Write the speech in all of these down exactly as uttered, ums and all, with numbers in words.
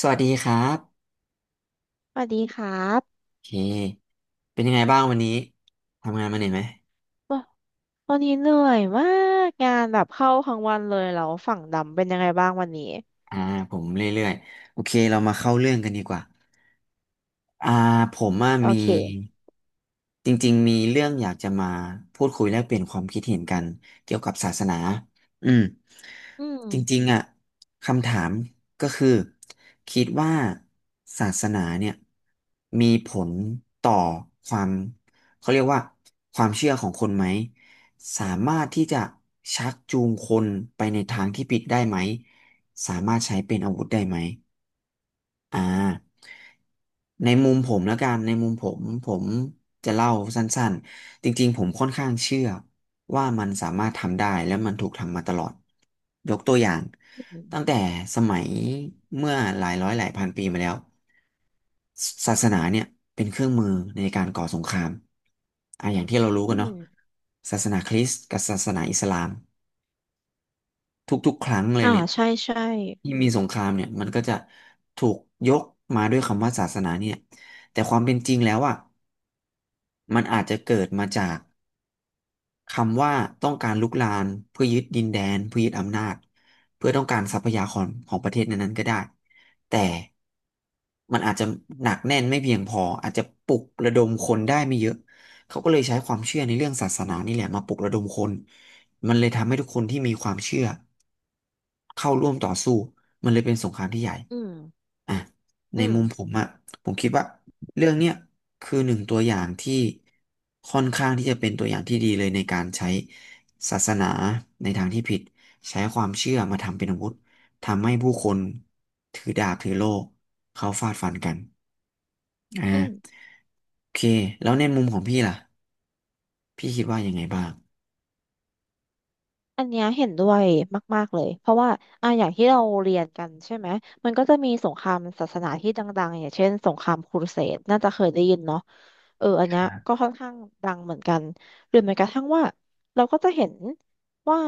สวัสดีครับสวัสดีครับโอเคเป็นยังไงบ้างวันนี้ทำงานมาเหนื่อยไหมวะวันนี้เหนื่อยมากงานแบบเข้าทั้งวันเลยแล้วฝั่งดำเป็นยังไงบ้างวันนี้อ่าผมเรื่อยๆโอเคเรามาเข้าเรื่องกันดีกว่า อ่าผมว่าโอมีเค จริงๆมีเรื่องอยากจะมาพูดคุยแลกเปลี่ยนความคิดเห็นกันเกี่ยวกับศาสนาอืมอืมจริงๆอ่ะคำถามก็คือคิดว่าศาสนาเนี่ยมีผลต่อความเขาเรียกว่าความเชื่อของคนไหมสามารถที่จะชักจูงคนไปในทางที่ผิดได้ไหมสามารถใช้เป็นอาวุธได้ไหม อ่าในมุมผมแล้วกันในมุมผมผมจะเล่าสั้นๆจริงๆผมค่อนข้างเชื่อว่ามันสามารถทำได้และมันถูกทำมาตลอดยกตัวอย่างอืมตั้งแต่สมัยเมื่อหลายร้อยหลายพันปีมาแล้วศาสนาเนี่ยเป็นเครื่องมือในการก่อสงครามอ่ะอย่างที่เรารู้อืกันเนาะมศาสนาคริสต์กับศาสนาอิสลาม ทุกๆ ครั้งเลยอ่าเนี่ยใช่ใช่ ที่มีสงครามเนี่ยมันก็จะถูกยกมาด้วยคำว่าศาสนาเนี่ยแต่ความเป็นจริงแล้วอ่ะมันอาจจะเกิดมาจาก คำว่าต้องการลุกลามเพื่อยึดดินแดนเพื่อยึดอำนาจเพื่อต้องการทรัพยากรของประเทศนั้นๆก็ได้แต่มันอาจจะหนักแน่นไม่เพียงพออาจจะปลุกระดมคนได้ไม่เยอะเขาก็เลยใช้ความเชื่อในเรื่องศาสนานี่แหละมาปลุกระดมคนมันเลยทำให้ทุกคนที่มีความเชื่อเข้าร่วมต่อสู้มันเลยเป็นสงครามที่ใหญ่อืม อ่ะในอืม มุมผมอะผมคิดว่า เรื่องเนี้ยคือหนึ่งตัวอย่างที่ค่อนข้างที่จะเป็นตัวอย่างที่ดีเลยในการใช้ศาสนาในทางที่ผิดใช้ความเชื่อมาทำเป็นอาวุธทำให้ผู้คนถือดาบถือโล่เขาฟาดฟันกันอ่าอืม โอเคแล้วในมุมของพี่ล่ะพี่คิดว่ายังไงบ้างอันเนี้ยเห็นด้วยมากๆเลยเพราะว่าอ่ะอย่างที่เราเรียนกันใช่ไหมมันก็จะมีสงครามศาสนาที่ดังๆอย่างเช่นสงครามครูเสดน่าจะเคยได้ยินเนาะเอออันคเนี้ยรัก็บค่อนข้างดังเหมือนกันหรือแม้กระทั่งว่าเราก็จะเห็นว่า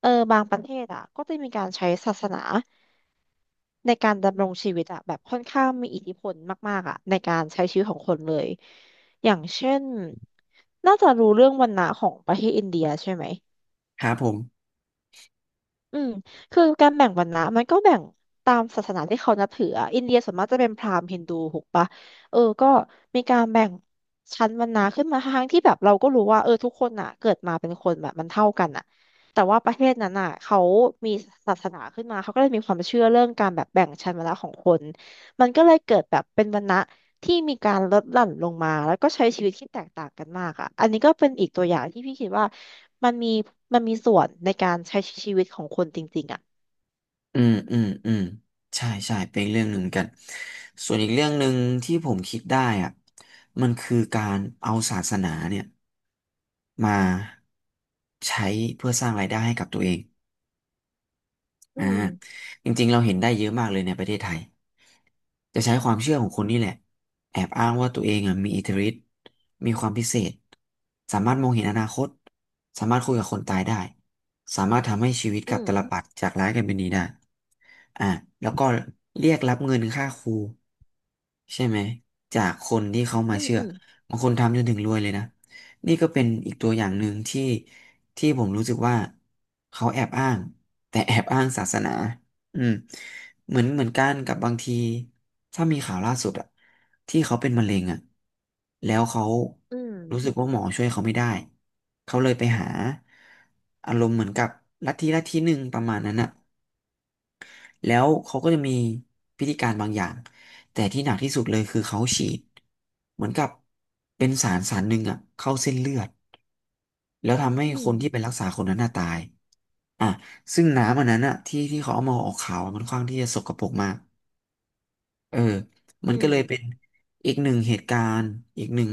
เออบางประเทศอ่ะก็จะมีการใช้ศาสนาในการดำรงชีวิตอ่ะแบบค่อนข้างมีอิทธิพลมากๆอ่ะในการใช้ชีวิตของคนเลยอย่างเช่นน่าจะรู้เรื่องวันนะของประเทศอินเดียใช่ไหม ครับผม อืมคือการแบ่งวรรณะมันก็แบ่งตามศาสนาที่เขานับถืออะอินเดียส่วนมากจะเป็นพราหมณ์ฮินดูถูกปะเออก็มีการแบ่งชั้นวรรณะขึ้นมาทั้งที่แบบเราก็รู้ว่าเออทุกคนอ่ะเกิดมาเป็นคนแบบมันเท่ากันอ่ะแต่ว่าประเทศนั้นอ่ะเขามีศาสนาขึ้นมาเขาก็เลยมีความเชื่อเรื่องการแบบแบ่งชั้นวรรณะของคนมันก็เลยเกิดแบบเป็นวรรณะ ที่มีการลดหลั่นลงมาแล้วก็ใช้ชีวิตที่แตกต่างกันมากอ่ะอันนี้ก็เป็นอีกตัวอย่างที่พี่คิดว่ามันมีมันมีส่วนในการใช้ชีวิตของคนจริงๆอ่ะ อืมอืมอืมใช่ใช่เป็นอีกเรื่องหนึ่งเหมือนกันส่วนอีกเรื่องหนึ่งที่ผมคิดได้อ่ะมันคือการเอาศาสนาเนี่ยมาใช้เพื่อสร้างรายได้ให้กับตัวเอง อือ่าม จริงๆเราเห็นได้เยอะมากเลยในประเทศไทยจะใช้ความเชื่อของคนนี่แหละแอบอ้างว่าตัวเองอ่ะมีอิทธิฤทธิ์มีความพิเศษสามารถมองเห็นอนาคตสามารถคุยกับคนตายได้สามารถทำให้ชีวิตกอืลับม ตาลปัตรจากร้ายกลายเป็นดีได้อ่าแล้วก็เรียกรับเงินค่าครูใช่ไหมจากคนที่เขามาอืมเชื่ออืม บางคนทำจนถึงรวยเลยนะนี่ก็เป็นอีกตัวอย่างหนึ่งที่ที่ผมรู้สึกว่าเขาแอบอ้าง แต่แอบอ้างศาสนาอืมเหมือนเหมือนกันกับบางทีถ้ามีข่าวล่าสุดอะที่เขาเป็นมะเร็งอะแล้วเขาอืมรู้สึกว่าหมอช่วยเขาไม่ได้เขาเลยไปหาอารมณ์เหมือนกับลัทธิลัทธิหนึ่งประมาณนั้นอะแล้วเขาก็จะมีพิธีการบางอย่างแต่ที่หนักที่สุดเลยคือเขาฉีดเหมือนกับเป็นสารสารหนึ่งอะเข้าเส้นเลือดแล้วทำให้อืคมนที่ไปรักษาคนนั้นน่ะตาย อ่ะซึ่งน้ำอันนั้นอะที่ที่เขาเอามาออกข่าวอะมันค่อนข้างที่จะสกปรกมากเออมัอืนก็เลยเป็นมอีกหนึ่งเหตุการณ์อีกหนึ่ง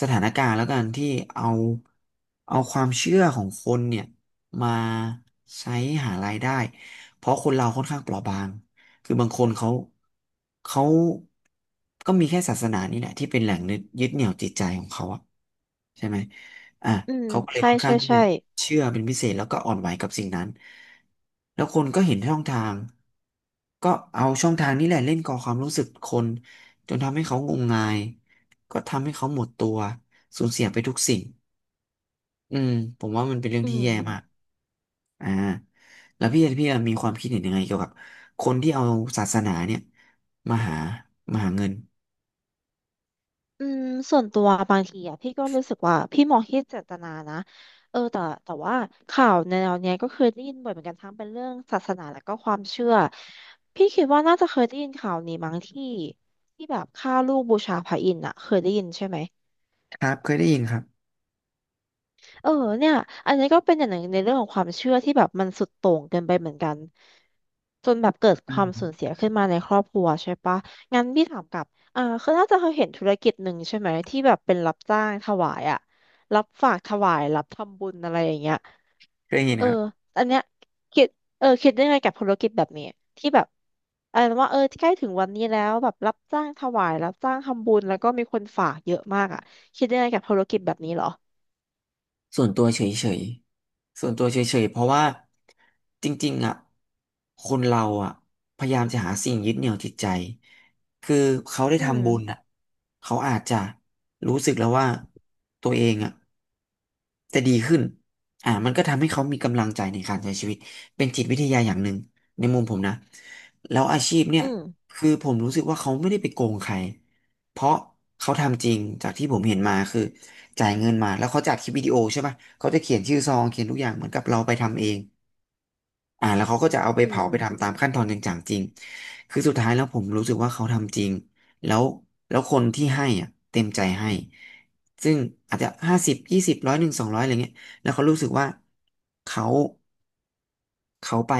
สถานการณ์แล้วกันที่เอาเอาความเชื่อของคนเนี่ยมาใช้หารายได้เพราะคนเราค่อนข้างเปราะบางคือบางคนเขาเขาก็มีแค่ศาสนานี่แหละที่เป็นแหล่งยึดเหนี่ยวจิตใจของเขาอะใช่ไหม อ่ะอืมเขาก็เลยใช่ค่อนข้าใช่งที่จะใช่เชื่อเป็นพิเศษแล้วก็อ่อนไหวกับสิ่งนั้นแล้วคนก็เห็นช่องทางก็เอาช่องทางนี้แหละเล่นก่อความรู้สึกคนจนทำให้เขางมงายก็ทำให้เขาหมดตัวสูญเสียไปทุกสิ่งอืมผมว่ามันเป็นเรื่องอืที่แย่มากม อ่าแล้วพี่พี่มีความคิดเห็นยังไงเกี่ยวกับคนที่เอาศาสนาเนี่ยมาหามาหาเงินอืมส่วนตัวบางทีอ่ะพี่ก็รู้สึกว่าพี่มองที่เจตนานะเออแต่แต่ว่าข่าวแนวเนี้ยก็เคยได้ยินบ่อยเหมือนกันทั้งเป็นเรื่องศาสนาและก็ความเชื่อพี่คิดว่าน่าจะเคยได้ยินข่าวนี้มั้งที่ที่แบบฆ่าลูกบูชาพระอินทร์อ่ะเคยได้ยินใช่ไหมครับเคยได้ยินครับเออเนี่ยอันนี้ก็เป็นอย่างหนึ่งในเรื่องของความเชื่อที่แบบมันสุดโต่งเกินไปเหมือนกันจนแบบเกิดคอืวามสูมญเสียขึ้นมาในครอบครัวใช่ปะ ถามกลับอ่าคือน่าจะเคยเห็นธุรกิจหนึ่งใช่ไหมที่แบบเป็นรับจ้างถวายอะรับฝากถวายรับทำบุญอะไรอย่างเงี้ยเคยได้ยินเออครับ อันเนี้ยคิดเออคิดได้ไงกับธุรกิจแบบนี้ที่แบบอะไรนะว่าเออใกล้ถึงวันนี้แล้วแบบรับจ้างถวายรับจ้างทำบุญแล้วก็มีคนฝากเยอะมากอ่ะคิดได้ไงกับธุรกิจแบบนี้เหรอส่วนตัวเฉยๆส่วนตัวเฉยๆ เพราะว่าจริงๆอ่ะคนเราอ่ะพยายามจะหาสิ่งยึดเหนี่ยวจิตใจคือเขาได้อืมทำบุญอ่ะเขาอาจจะรู้สึกแล้วว่าตัวเองอ่ะจะดีขึ้นอ่ามันก็ทำให้เขามีกำลังใจในการใช้ชีวิตเป็นจิตวิทยาอย่างหนึ่งในมุมผมนะแล้วอาชีพเนี่ยอืมคือผมรู้สึกว่าเขาไม่ได้ไปโกงใครเพราะเขาทำจริงจากที่ผมเห็นมาคือ จ่ายเงินมาแล้วเขาจัดคลิปวิดีโอใช่ป่ะเขาจะเขียนชื่อซองเขียนทุกอย่างเหมือนกับเราไปทำเอง อ่าแล้วเขาก็จะเอาอืไปเผาไปทำมตามขั้นตอนจริงจังจริงคือสุดท้ายแล้วผมรู้สึกว่าเขาทำจริงแล้วแล้วคนที่ให้อ่ะเต็มใจให้ซึ่งอาจจะห้าสิบยี่สิบร้อยหนึ่งสองร้อยอะไรเงี้ยแล้วเขารู้สึกว่าเขาเขาไป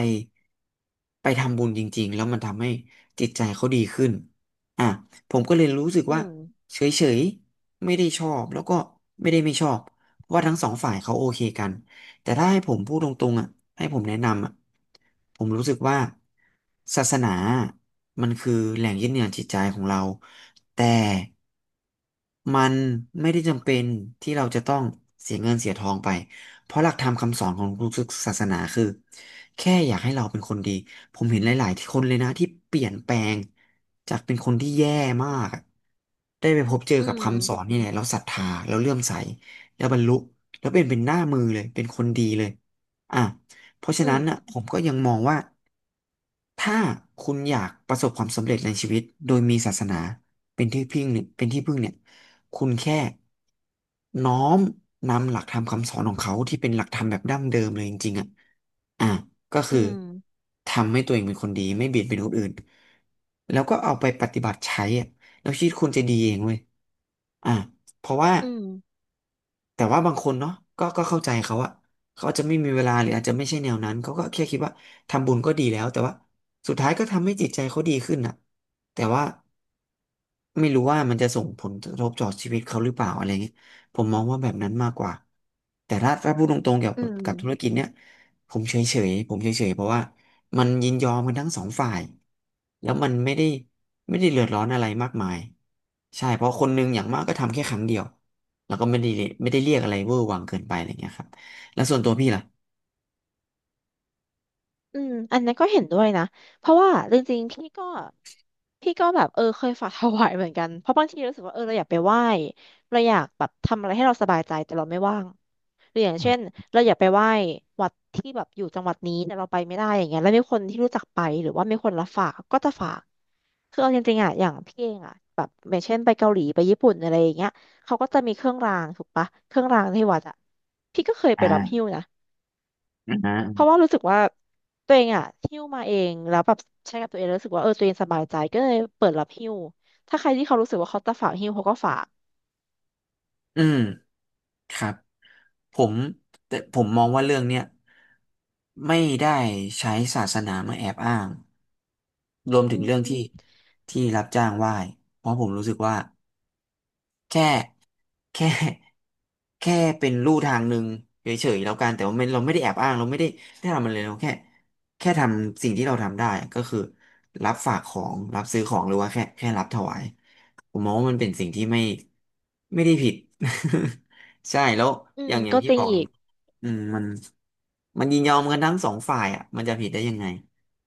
ไปทำบุญจริงๆแล้วมันทำให้จิตใจเขาดีขึ้นอ่ะผมก็เลยรู้สึกอืว่ามเฉยๆไม่ได้ชอบแล้วก็ไม่ได้ไม่ชอบเพราะว่าทั้งสองฝ่ายเขาโอเคกัน แต่ถ้าให้ผมพูดตรงๆอ่ะให้ผมแนะนำอ่ะผมรู้สึกว่าศาสนา มันคือแหล่งยึดเหนี่ยวจิตใจของเราแต่มันไม่ได้จำเป็นที่เราจะต้องเสียเงินเสียทองไปเพราะหลักธรรมคำสอนของทุกศาสนาคือแค่อยากให้เราเป็นคนดี ผมเห็นหลายๆที่คนเลยนะที่เปลี่ยนแปลงจากเป็นคนที่แย่มากอะได้ไปพบเจออืกับมคำสอนนี่แหละเราศรัทธาเราเลื่อมใสแล้วบรรลุ แล้วเป็นเป็นหน้ามือเลย เป็นคนดีเลยอ่ะเพราะฉะอืนั้มนน่ะผมก็ยังมองว่าถ้าคุณอยากประสบความสำเร็จในชีวิตโดยมีศาสนาเป็นที่พึ่งเนี่ยเป็นที่พึ่งเนี่ยคุณแค่น้อมนำหลักธรรมคำสอนของเขาที่เป็นหลักธรรมแบบดั้งเดิมเลยจริงๆอ่ะอ่ะก็อืคือมทำให้ตัวเองเป็นคนดีไม่เบียดเบียนคนอื่นแล้วก็เอาไปปฏิบัติใช้อ่ะแล้วชีวิตคุณจะดีเองเว้ยอ่ะเพราะว่า อืมแต่ว่าบางคนเนาะก็ก็เข้าใจเขาอะเขาอาจจะไม่มีเวลาหรืออาจจะไม่ใช่แนวนั้นเขาก็แค่คิดว่าทำบุญก็ดีแล้วแต่ว่าสุดท้ายก็ทำให้จิตใจเขาดีขึ้นอะแต่ว่าไม่รู้ว่ามันจะส่งผลกระทบต่อชีวิตเขาหรือเปล่าอะไรเงี้ยผมมองว่าแบบนั้นมากกว่าแต่ถ้าถ้าพูดตรงๆเกี่ยวอืกับมกับธุรกิจเนี่ยผมเฉยๆผมเฉยๆเพราะว่ามันยินยอมกันทั้งสองฝ่ายแล้วมันไม่ได้ไม่ได้เดือดร้อนอะไรมากมายใช่เพราะคนหนึงอย่างมากก็ทำแค่ครั้งเดียว แล้วก็ไม่ได้ไม่ได้เรียกอะไรเวอร์วังเกินไปอะไรเงี้ยครับแล้วส่วนตัวพี่ล่ะอืมอันนั้นก็เห็นด้วยนะเพราะว่าจริงๆพี่ก็ พี่ก็แบบเออเคยฝากถวายเหมือนกันเพราะบางทีรู้สึกว่าเออเราอยากไปไหว้เราอยากแบบทำอะไรให้เราสบายใจแต่เราไม่ว่างหรืออย่างเช่นเราอยากไปไหว้วัดที่แบบอยู่จังหวัดนี้แต่เราไปไม่ได้อย่างเงี้ยแล้วมีคนที่รู้จักไปหรือว่ามีคนรับฝากก็จะฝากคือเอาจริงๆอ่ะอย่างพี่เองอ่ะแบบอย่างเช่นไปเกาหลีไปญี่ปุ่นอะไรอย่างเงี้ยเขาก็จะมีเครื่องรางถูกปะเครื่องรางที่วัดอ่ะพี่ก็เคยไปรับหิ้วอ่านะ อ่าเพราะว่ารู้สึกว่าตัวเองอะหิ้วมาเองแล้วแบบใช้กับตัวเองแล้วรู้สึกว่าเออตัวเองสบายใจก็เลยเปิดรับหิ้วถ้าใครที่เขารู้สึกว่าเขาจะฝากหิ้วเขาก็ฝากอืมครับผมแต่ผมมองว่าเรื่องเนี้ยไม่ได้ใช้ศาสนามาแอบอ้างรวมอืถึงเรื่องที่มที่รับจ้างไหว้เพราะผมรู้สึกว่า แค่แค่แค่เป็นลู่ทางหนึ่งเฉยๆแล้วกันแต่ว่าไม่เราไม่ได้แอบอ้างเราไม่ได้ได้ทำอะไรเลยเราแค่แค่ทำสิ่งที่เราทำได้ก็คือรับฝากของรับซื้อของหรือว่าแค่แค่รับถวายผมมองว่ามันเป็นสิ่งที่ไม่ไม่ได้ผิด ใช่แล้วอือมย่างอย่าก็งที่จริบงอกเลอียกอืมมันมันยินยอมกันทั้งสองฝ่ายอ่ะมันจะผิดได้ยังไง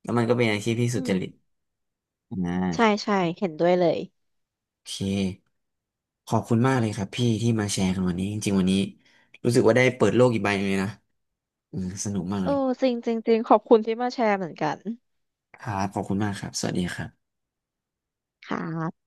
แล้วมันก็เป็นอาชีพที่สุอืจมริตอ่ใช่า ใช่เห็นด้วยเลยโอเค ขอบคุณมากเลยครับพี่ที่มาแชร์กันวันนี้จริงๆวันนี้รู้สึกว่าได้เปิดโลกอีกใบหนึงเลยนะอืมสนุกมากเอเลอยจริงจริงจริงขอบคุณที่มาแชร์เหมือนกันครับขอบคุณมากครับสวัสดีครับค่ะ